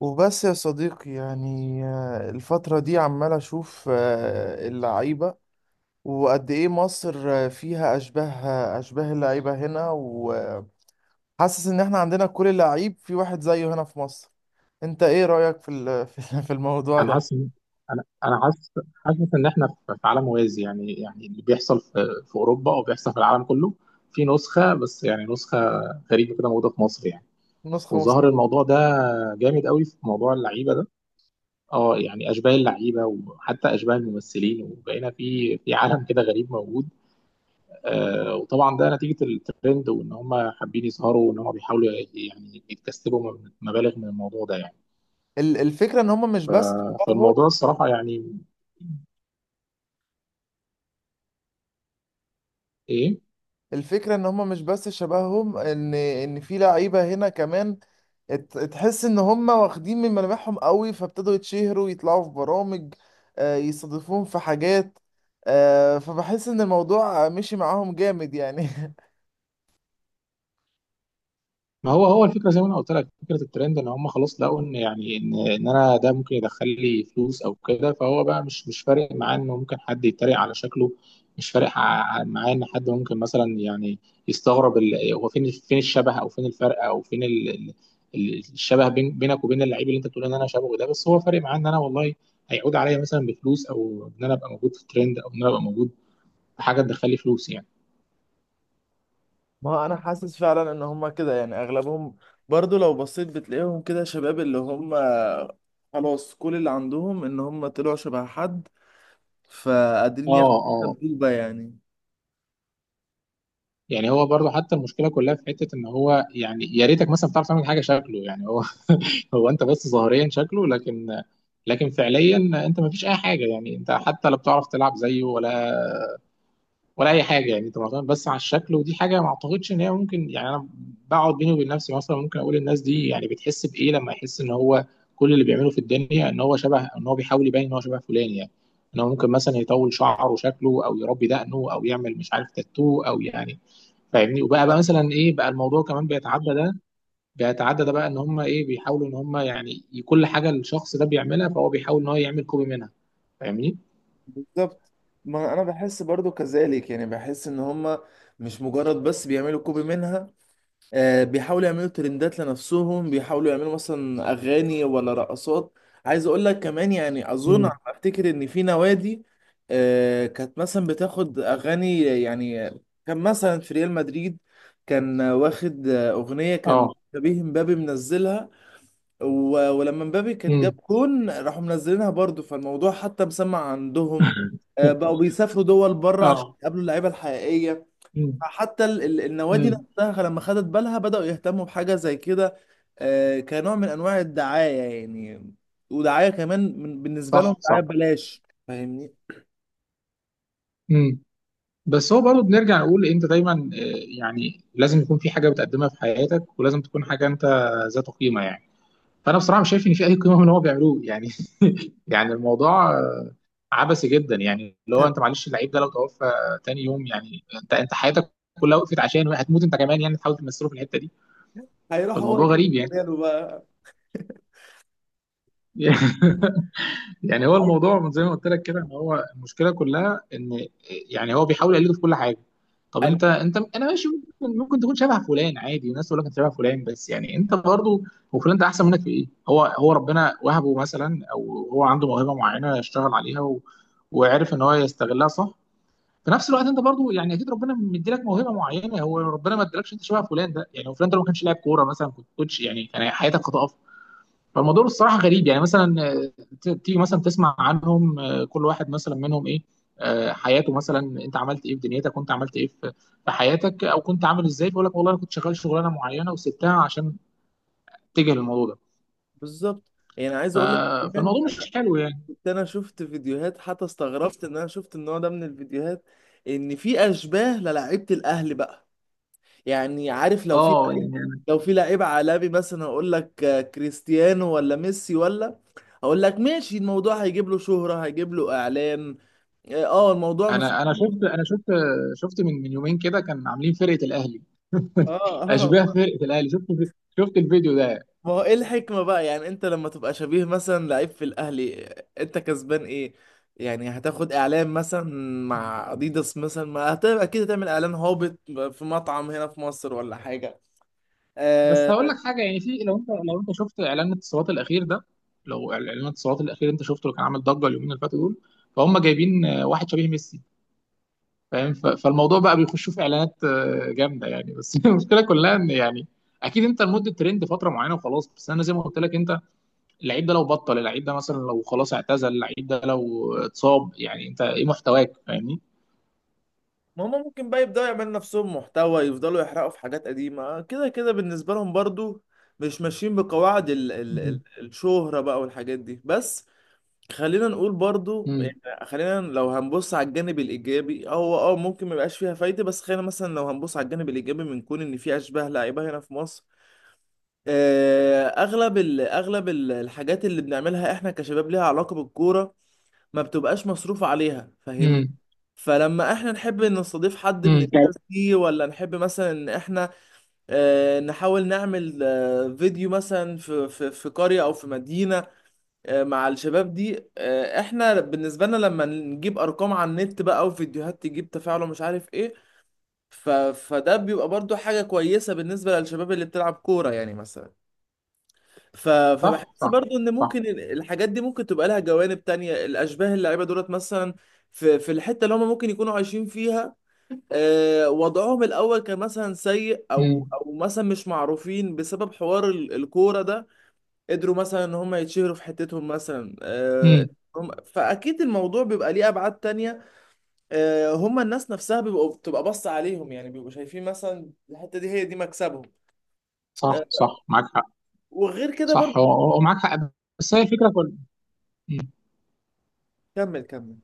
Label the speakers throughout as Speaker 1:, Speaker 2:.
Speaker 1: وبس يا صديقي يعني الفترة دي عمال أشوف اللعيبة، وقد إيه مصر فيها أشباه اللعيبة هنا، وحاسس إن إحنا عندنا كل لعيب في واحد زيه هنا في مصر. أنت إيه رأيك في في الموضوع
Speaker 2: انا حاسس
Speaker 1: ده؟
Speaker 2: إن- انا انا حاسس حاسس ان احنا في عالم موازي يعني اللي بيحصل في اوروبا او بيحصل في العالم كله في نسخه بس يعني نسخه غريبه كده موجوده في مصر يعني.
Speaker 1: نسخة
Speaker 2: وظهر
Speaker 1: نسخة.
Speaker 2: الموضوع ده جامد قوي في موضوع اللعيبه ده. اه، يعني اشباه اللعيبه وحتى اشباه الممثلين وبقينا في عالم كده غريب موجود. آه، وطبعا ده نتيجه الترند وان هم حابين يظهروا وان هم بيحاولوا يعني يكتسبوا مبالغ من الموضوع ده يعني.
Speaker 1: الفكرة إن هما مش بس.
Speaker 2: فالموضوع الصراحه يعني ايه.
Speaker 1: الفكرة ان هما مش بس شبههم، ان في لعيبة هنا كمان. تحس ان هما واخدين من ملامحهم قوي، فابتدوا يتشهروا، يطلعوا في برامج، يستضيفوهم في حاجات. فبحس ان الموضوع مشي معاهم جامد يعني.
Speaker 2: ما هو هو الفكره زي ما انا قلت لك فكره الترند ان هم خلاص لقوا ان يعني ان انا ده ممكن يدخل لي فلوس او كده فهو بقى مش فارق معاه انه ممكن حد يتريق على شكله. مش فارق معاه ان حد ممكن مثلا يعني يستغرب هو فين الشبه او فين الفرق او فين الشبه بينك وبين اللعيب اللي انت بتقول ان انا شبهه ده، بس هو فارق معاه ان انا والله هيعود عليا مثلا بفلوس او ان انا ابقى موجود في الترند او ان انا ابقى موجود في حاجه تدخل لي فلوس يعني.
Speaker 1: ما هو انا حاسس فعلا ان هما كده، يعني اغلبهم برضو لو بصيت بتلاقيهم كده شباب، اللي هما خلاص كل اللي عندهم ان هما طلعوا شبه حد،
Speaker 2: اه،
Speaker 1: فقادرين ياخدوا
Speaker 2: اه،
Speaker 1: السبوبة يعني.
Speaker 2: يعني هو برضه حتى المشكله كلها في حته ان هو يعني يا ريتك مثلا بتعرف تعمل حاجه شكله يعني هو، هو انت بس ظاهريا شكله، لكن لكن فعليا انت ما فيش اي حاجه يعني انت حتى لا بتعرف تلعب زيه ولا ولا اي حاجه يعني انت معتمد بس على الشكل. ودي حاجه ما اعتقدش ان هي ممكن يعني. انا بقعد بيني وبين نفسي مثلا ممكن اقول الناس دي يعني بتحس بايه لما يحس ان هو كل اللي بيعمله في الدنيا ان هو شبه، ان هو بيحاول يبين ان هو شبه فلان يعني. ان هو ممكن مثلا يطول شعره وشكله او يربي دقنه او يعمل مش عارف تاتو او يعني فاهمني. وبقى مثلا ايه بقى، الموضوع كمان بيتعدى ده. بيتعدى ده بقى ان هم ايه، بيحاولوا ان هم يعني كل حاجه الشخص ده بيعملها فهو بيحاول ان هو يعمل كوبي منها. فاهمني؟
Speaker 1: بالظبط. ما انا بحس برضو كذلك، يعني بحس ان هما مش مجرد بس بيعملوا كوبي منها. بيحاولوا يعملوا ترندات لنفسهم، بيحاولوا يعملوا مثلا اغاني ولا رقصات. عايز اقول لك كمان، يعني اظن على
Speaker 2: امم
Speaker 1: ما افتكر ان في نوادي كانت مثلا بتاخد اغاني يعني. كان مثلا في ريال مدريد كان واخد اغنية، كان
Speaker 2: اه
Speaker 1: شبيه مبابي منزلها. ولما مبابي كان جاب
Speaker 2: امم
Speaker 1: جون راحوا منزلينها برضو، فالموضوع حتى مسمع عندهم. بقوا بيسافروا دول بره عشان
Speaker 2: اه.
Speaker 1: يقابلوا اللعيبه الحقيقيه.
Speaker 2: امم.
Speaker 1: حتى النوادي
Speaker 2: امم.
Speaker 1: نفسها لما خدت بالها بدأوا يهتموا بحاجه زي كده، كنوع من انواع الدعايه يعني. ودعايه كمان بالنسبه لهم
Speaker 2: صح،
Speaker 1: دعايه
Speaker 2: صح.
Speaker 1: ببلاش، فاهمني.
Speaker 2: امم. بس هو برضه بنرجع نقول انت دايما آه، يعني لازم يكون في حاجه بتقدمها في حياتك ولازم تكون حاجه انت ذات قيمه يعني. فانا بصراحه مش شايف ان في اي قيمه من اللي هو بيعملوه يعني. يعني الموضوع عبثي جدا يعني. اللي هو انت معلش، اللعيب ده لو توفى تاني يوم يعني انت حياتك كلها وقفت عشان هتموت انت كمان يعني، تحاول تمثله في الحته دي.
Speaker 1: هيروح هو
Speaker 2: فالموضوع
Speaker 1: يكمل
Speaker 2: غريب يعني.
Speaker 1: مكانه بقى.
Speaker 2: يعني هو الموضوع من زي ما قلت لك كده ان هو المشكله كلها ان، يعني هو بيحاول يقلده في كل حاجه. طب
Speaker 1: عايز-
Speaker 2: انت انا ماشي، ممكن تكون شبه فلان عادي والناس تقول لك انت شبه فلان، بس يعني انت برضه هو فلان ده احسن منك في ايه؟ هو هو ربنا وهبه مثلا او هو عنده موهبه معينه اشتغل عليها، و... وعرف ان هو يستغلها، صح. في نفس الوقت انت برضو يعني اكيد ربنا مديلك موهبه معينه، هو ربنا ما ادالكش انت شبه فلان ده يعني. لو فلان ده لو ما كانش لاعب كوره مثلا كنت كوتش يعني، كان حياتك هتقف. فالموضوع الصراحه غريب يعني. مثلا آه، تيجي مثلا تسمع عنهم، آه، كل واحد مثلا منهم ايه، آه، حياته مثلا. انت عملت ايه في دنيتك، كنت عملت ايه في في حياتك، او كنت عامل ازاي، فيقول لك والله انا كنت شغال شغلانه معينه وسبتها عشان اتجه للموضوع ده.
Speaker 1: بالظبط، يعني عايز اقول لك كمان،
Speaker 2: فالموضوع مش حلو يعني.
Speaker 1: كنت انا شفت فيديوهات، حتى استغربت ان انا شفت النوع ده من الفيديوهات، ان في اشباه للاعيبه الاهلي بقى. يعني عارف، لو في
Speaker 2: اه
Speaker 1: لعيب،
Speaker 2: يعني.
Speaker 1: لو في لعيب عالمي مثلا اقول لك كريستيانو ولا ميسي ولا، اقول لك ماشي الموضوع هيجيب له شهرة، هيجيب له اعلان. اه الموضوع ما فيه.
Speaker 2: انا انا شفت شفت من يومين كده كان عاملين فرقه الاهلي،
Speaker 1: اه
Speaker 2: اشباه
Speaker 1: اه.
Speaker 2: فرقه الاهلي. شفت شفت الفيديو ده؟
Speaker 1: ما هو ايه الحكمة بقى؟ يعني انت لما تبقى شبيه مثلا لعيب في الاهلي انت كسبان ايه؟ يعني هتاخد اعلان مثلا مع اديداس مثلا، ما هت- اكيد هتعمل اعلان هابط في مطعم هنا في مصر ولا حاجة.
Speaker 2: بس
Speaker 1: آه.
Speaker 2: هقول لك حاجه، يعني في، لو انت لو انت شفت اعلان الاتصالات الاخير ده، لو اعلان الاتصالات الاخير انت شفته اللي كان عامل ضجه اليومين اللي فاتوا دول، فهم جايبين آه، واحد شبيه ميسي، فاهم؟ فالموضوع بقى بيخشوا في اعلانات آه، جامده يعني. بس المشكله كلها ان يعني اكيد انت لمده ترند فتره معينه وخلاص، بس انا زي ما قلت لك انت اللعيب ده لو بطل، اللعيب ده مثلا لو خلاص اعتزل، اللعيب ده لو اتصاب، يعني انت ايه محتواك، فاهمني؟
Speaker 1: ما هما ممكن بقى يبدأوا يعملوا نفسهم محتوى، يفضلوا يحرقوا في حاجات قديمة كده كده بالنسبة لهم، برضو مش ماشيين بقواعد ال ال ال
Speaker 2: امم.
Speaker 1: الشهرة بقى والحاجات دي بس. خلينا نقول برضو، يعني خلينا لو هنبص على الجانب الايجابي، هو اه ممكن ما يبقاش فيها فايده، بس خلينا مثلا لو هنبص على الجانب الايجابي من كون ان في اشباه لعيبه هنا في مصر. اغلب الحاجات اللي بنعملها احنا كشباب ليها علاقه بالكوره، ما بتبقاش مصروف عليها، فاهمني.
Speaker 2: امم.
Speaker 1: فلما احنا نحب ان نستضيف حد من
Speaker 2: امم.
Speaker 1: الناس دي، ولا نحب مثلا ان احنا نحاول نعمل فيديو مثلا في في قريه او في مدينه مع الشباب دي، احنا بالنسبه لنا لما نجيب ارقام على النت بقى، او فيديوهات تجيب تفاعل ومش عارف ايه. فده بيبقى برضو حاجه كويسه بالنسبه للشباب اللي بتلعب كوره يعني مثلا.
Speaker 2: صح.
Speaker 1: فبحس
Speaker 2: صح.
Speaker 1: برضو ان
Speaker 2: صح.
Speaker 1: ممكن الحاجات دي ممكن تبقى لها جوانب تانية، الاشباه اللعيبه دولت مثلا في الحته اللي هم ممكن يكونوا عايشين فيها، وضعهم الاول كان مثلا سيء، او
Speaker 2: امم.
Speaker 1: او مثلا مش معروفين بسبب حوار الكوره ده، قدروا مثلا ان هم يتشهروا في حتتهم مثلا.
Speaker 2: امم.
Speaker 1: هم فاكيد الموضوع بيبقى ليه ابعاد تانية. هم الناس نفسها بيبقوا بتبقى بص عليهم، يعني بيبقوا شايفين مثلا الحتة دي هي دي مكسبهم.
Speaker 2: صح،
Speaker 1: آه،
Speaker 2: صح، معاك حق.
Speaker 1: وغير كده
Speaker 2: صح،
Speaker 1: برضه.
Speaker 2: هو هو معاك حق. بس هي الفكره كلها.
Speaker 1: كمل كمل.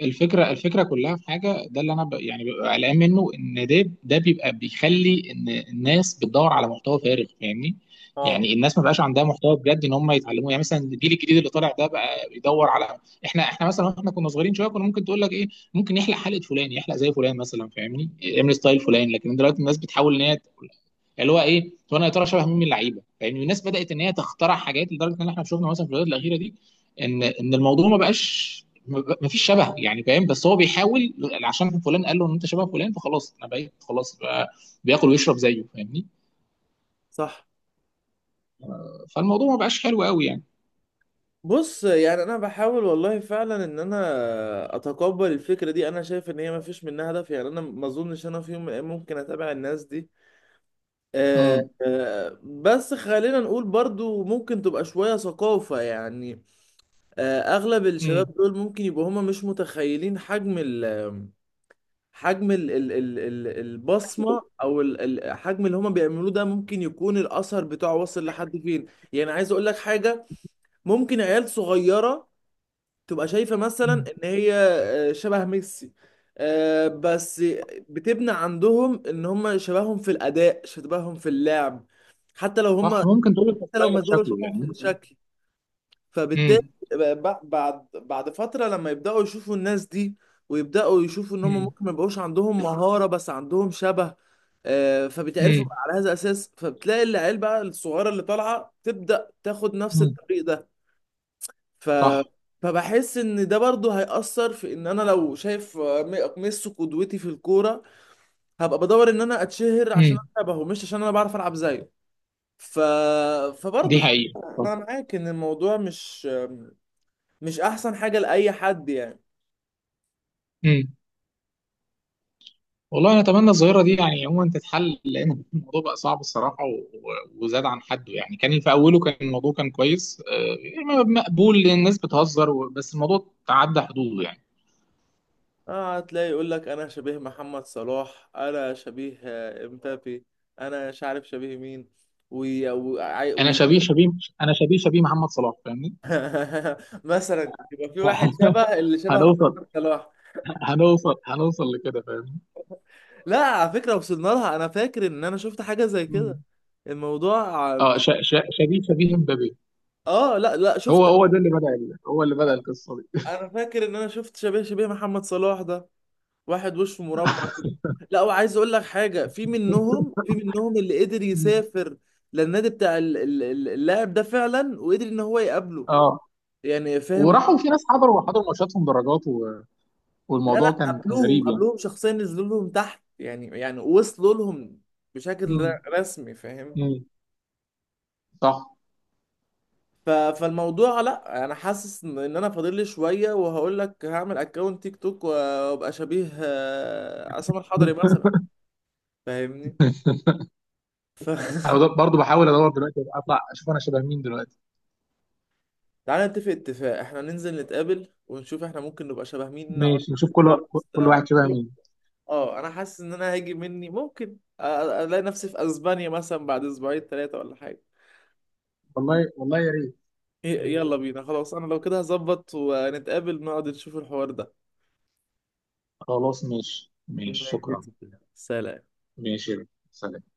Speaker 2: الفكره كلها في حاجه، ده اللي انا يعني ببقى قلقان منه، ان ده ده بيبقى بيخلي ان الناس بتدور على محتوى فارغ فاهمني.
Speaker 1: اه
Speaker 2: يعني الناس ما بقاش عندها محتوى بجد ان هم يتعلموه. يعني مثلا الجيل الجديد اللي طالع ده بقى بيدور على، احنا احنا مثلا واحنا كنا صغيرين شويه كنا ممكن تقول لك ايه، ممكن يحلق حلقه فلان، يحلق زي فلان مثلا فاهمني، يعمل ستايل فلان. لكن دلوقتي الناس بتحاول ان هي تقول، اللي هو ايه، طب انا يا ترى شبه مين من اللعيبه، فاهمني. الناس بدات ان هي تخترع حاجات، لدرجه ان احنا شفنا مثلا في الفيديوهات الاخيره دي ان ان الموضوع ما بقاش ما فيش شبهه يعني فاهم، بس هو بيحاول عشان فلان قال له ان انت شبه فلان، فخلاص انا بقيت خلاص بقى بياكل ويشرب زيه فاهمني.
Speaker 1: صح.
Speaker 2: فالموضوع ما بقاش حلو قوي يعني.
Speaker 1: بص يعني، انا بحاول والله فعلا ان انا اتقبل الفكرة دي، انا شايف ان هي ما فيش منها هدف يعني، انا ما اظنش انا في يوم من الأيام ممكن اتابع الناس دي.
Speaker 2: امم.
Speaker 1: بس خلينا نقول برضو ممكن تبقى شوية ثقافة يعني. اغلب الشباب
Speaker 2: امم.
Speaker 1: دول ممكن يبقوا هما مش متخيلين حجم ال حجم ال ال ال ال البصمه او الحجم اللي هما بيعملوه ده ممكن يكون الاثر بتاعه واصل لحد فين. يعني عايز اقول لك حاجه، ممكن عيال صغيره تبقى شايفه مثلا
Speaker 2: امم.
Speaker 1: ان هي شبه ميسي، بس بتبنى عندهم ان هما شبههم في الاداء، شبههم في اللعب حتى لو هما،
Speaker 2: صح، ممكن تقول لك
Speaker 1: حتى لو ما
Speaker 2: ستايلك
Speaker 1: زالوا
Speaker 2: شكله،
Speaker 1: شبههم
Speaker 2: يعني
Speaker 1: في
Speaker 2: ممكن تقول.
Speaker 1: الشكل. فبالتالي
Speaker 2: امم.
Speaker 1: بعد فترة لما يبدأوا يشوفوا الناس دي، ويبدأوا يشوفوا ان هم
Speaker 2: امم.
Speaker 1: ممكن ما يبقوش عندهم مهارة بس عندهم شبه، فبيتعرفوا
Speaker 2: امم.
Speaker 1: بقى على هذا الأساس، فبتلاقي العيال بقى الصغيرة اللي طالعة تبدأ تاخد نفس
Speaker 2: امم.
Speaker 1: الطريق ده. ف
Speaker 2: صح.
Speaker 1: فبحس ان ده برضه هيأثر في ان انا لو شايف ميسي قدوتي في الكورة، هبقى بدور ان انا اتشهر عشان
Speaker 2: امم.
Speaker 1: انا شبهه مش عشان انا بعرف العب زيه. ف
Speaker 2: دي
Speaker 1: فبرضه
Speaker 2: حقيقة،
Speaker 1: فعلاً
Speaker 2: صح.
Speaker 1: انا معاك ان الموضوع مش احسن حاجة لأي حد يعني.
Speaker 2: امم. والله انا اتمنى الظاهره دي يعني عموما تتحل، لان الموضوع بقى صعب الصراحه وزاد عن حده يعني. كان في اوله كان الموضوع كان كويس، آه، مقبول، الناس بتهزر بس الموضوع تعدى حدوده يعني.
Speaker 1: اه، هتلاقي يقول لك انا شبيه محمد صلاح، انا شبيه امبابي، انا مش عارف شبيه مين. وي... وي...
Speaker 2: انا
Speaker 1: وي...
Speaker 2: شبيه شبيه انا شبيه شبيه محمد صلاح فاهمني.
Speaker 1: مثلا يبقى في واحد شبه اللي شبه
Speaker 2: هنوصل،
Speaker 1: محمد صلاح.
Speaker 2: هنوصل لكده فاهمني.
Speaker 1: لا، على فكرة، وصلنا لها، انا فاكر ان انا شفت حاجة زي كده.
Speaker 2: مم.
Speaker 1: الموضوع
Speaker 2: اه،
Speaker 1: مش.
Speaker 2: شبيه شبيه مبابي.
Speaker 1: اه لا لا
Speaker 2: هو
Speaker 1: شفت.
Speaker 2: هو ده اللي بدأ هو اللي بدأ القصه دي.
Speaker 1: انا فاكر ان انا شفت شبيه محمد صلاح ده، واحد وشه مربع كده. لا، وعايز اقول لك حاجه، في منهم اللي قدر
Speaker 2: مم.
Speaker 1: يسافر للنادي بتاع اللاعب ده فعلا، وقدر ان هو يقابله،
Speaker 2: اه،
Speaker 1: يعني فاهم.
Speaker 2: وراحوا في ناس حضروا حضروا ماتشاتهم درجات، و...
Speaker 1: لا
Speaker 2: والموضوع
Speaker 1: لا،
Speaker 2: كان كان
Speaker 1: قابلوهم
Speaker 2: غريب يعني.
Speaker 1: قابلوهم شخصيا، نزلوا لهم تحت، يعني وصلوا لهم بشكل
Speaker 2: مم.
Speaker 1: رسمي، فاهم.
Speaker 2: مم. صح.
Speaker 1: ف- فالموضوع لا انا حاسس ان انا فاضل لي شويه، وهقول لك هعمل اكونت تيك توك وابقى شبيه عصام الحضري مثلا، فاهمني. ف...
Speaker 2: انا برضو بحاول ادور دلوقتي اطلع اشوف انا شبه مين دلوقتي.
Speaker 1: تعالى نتفق اتفاق، احنا ننزل نتقابل ونشوف احنا ممكن نبقى شبه مين، نقعد
Speaker 2: ماشي،
Speaker 1: نعمل
Speaker 2: نشوف كل
Speaker 1: كده بس.
Speaker 2: كل واحد شبه مين.
Speaker 1: اه، انا حاسس ان انا هاجي مني، ممكن الاقي نفسي في اسبانيا مثلا بعد اسبوعين 3 ولا حاجة.
Speaker 2: والله والله يا ريت. يا
Speaker 1: يلا
Speaker 2: ريت.
Speaker 1: بينا خلاص، انا لو كده هظبط ونتقابل نقعد نشوف الحوار ده.
Speaker 2: خلاص، ماشي ماشي،
Speaker 1: ماشي يا
Speaker 2: شكرا.
Speaker 1: ستي. سلام.
Speaker 2: ماشي يا ريت. سلام.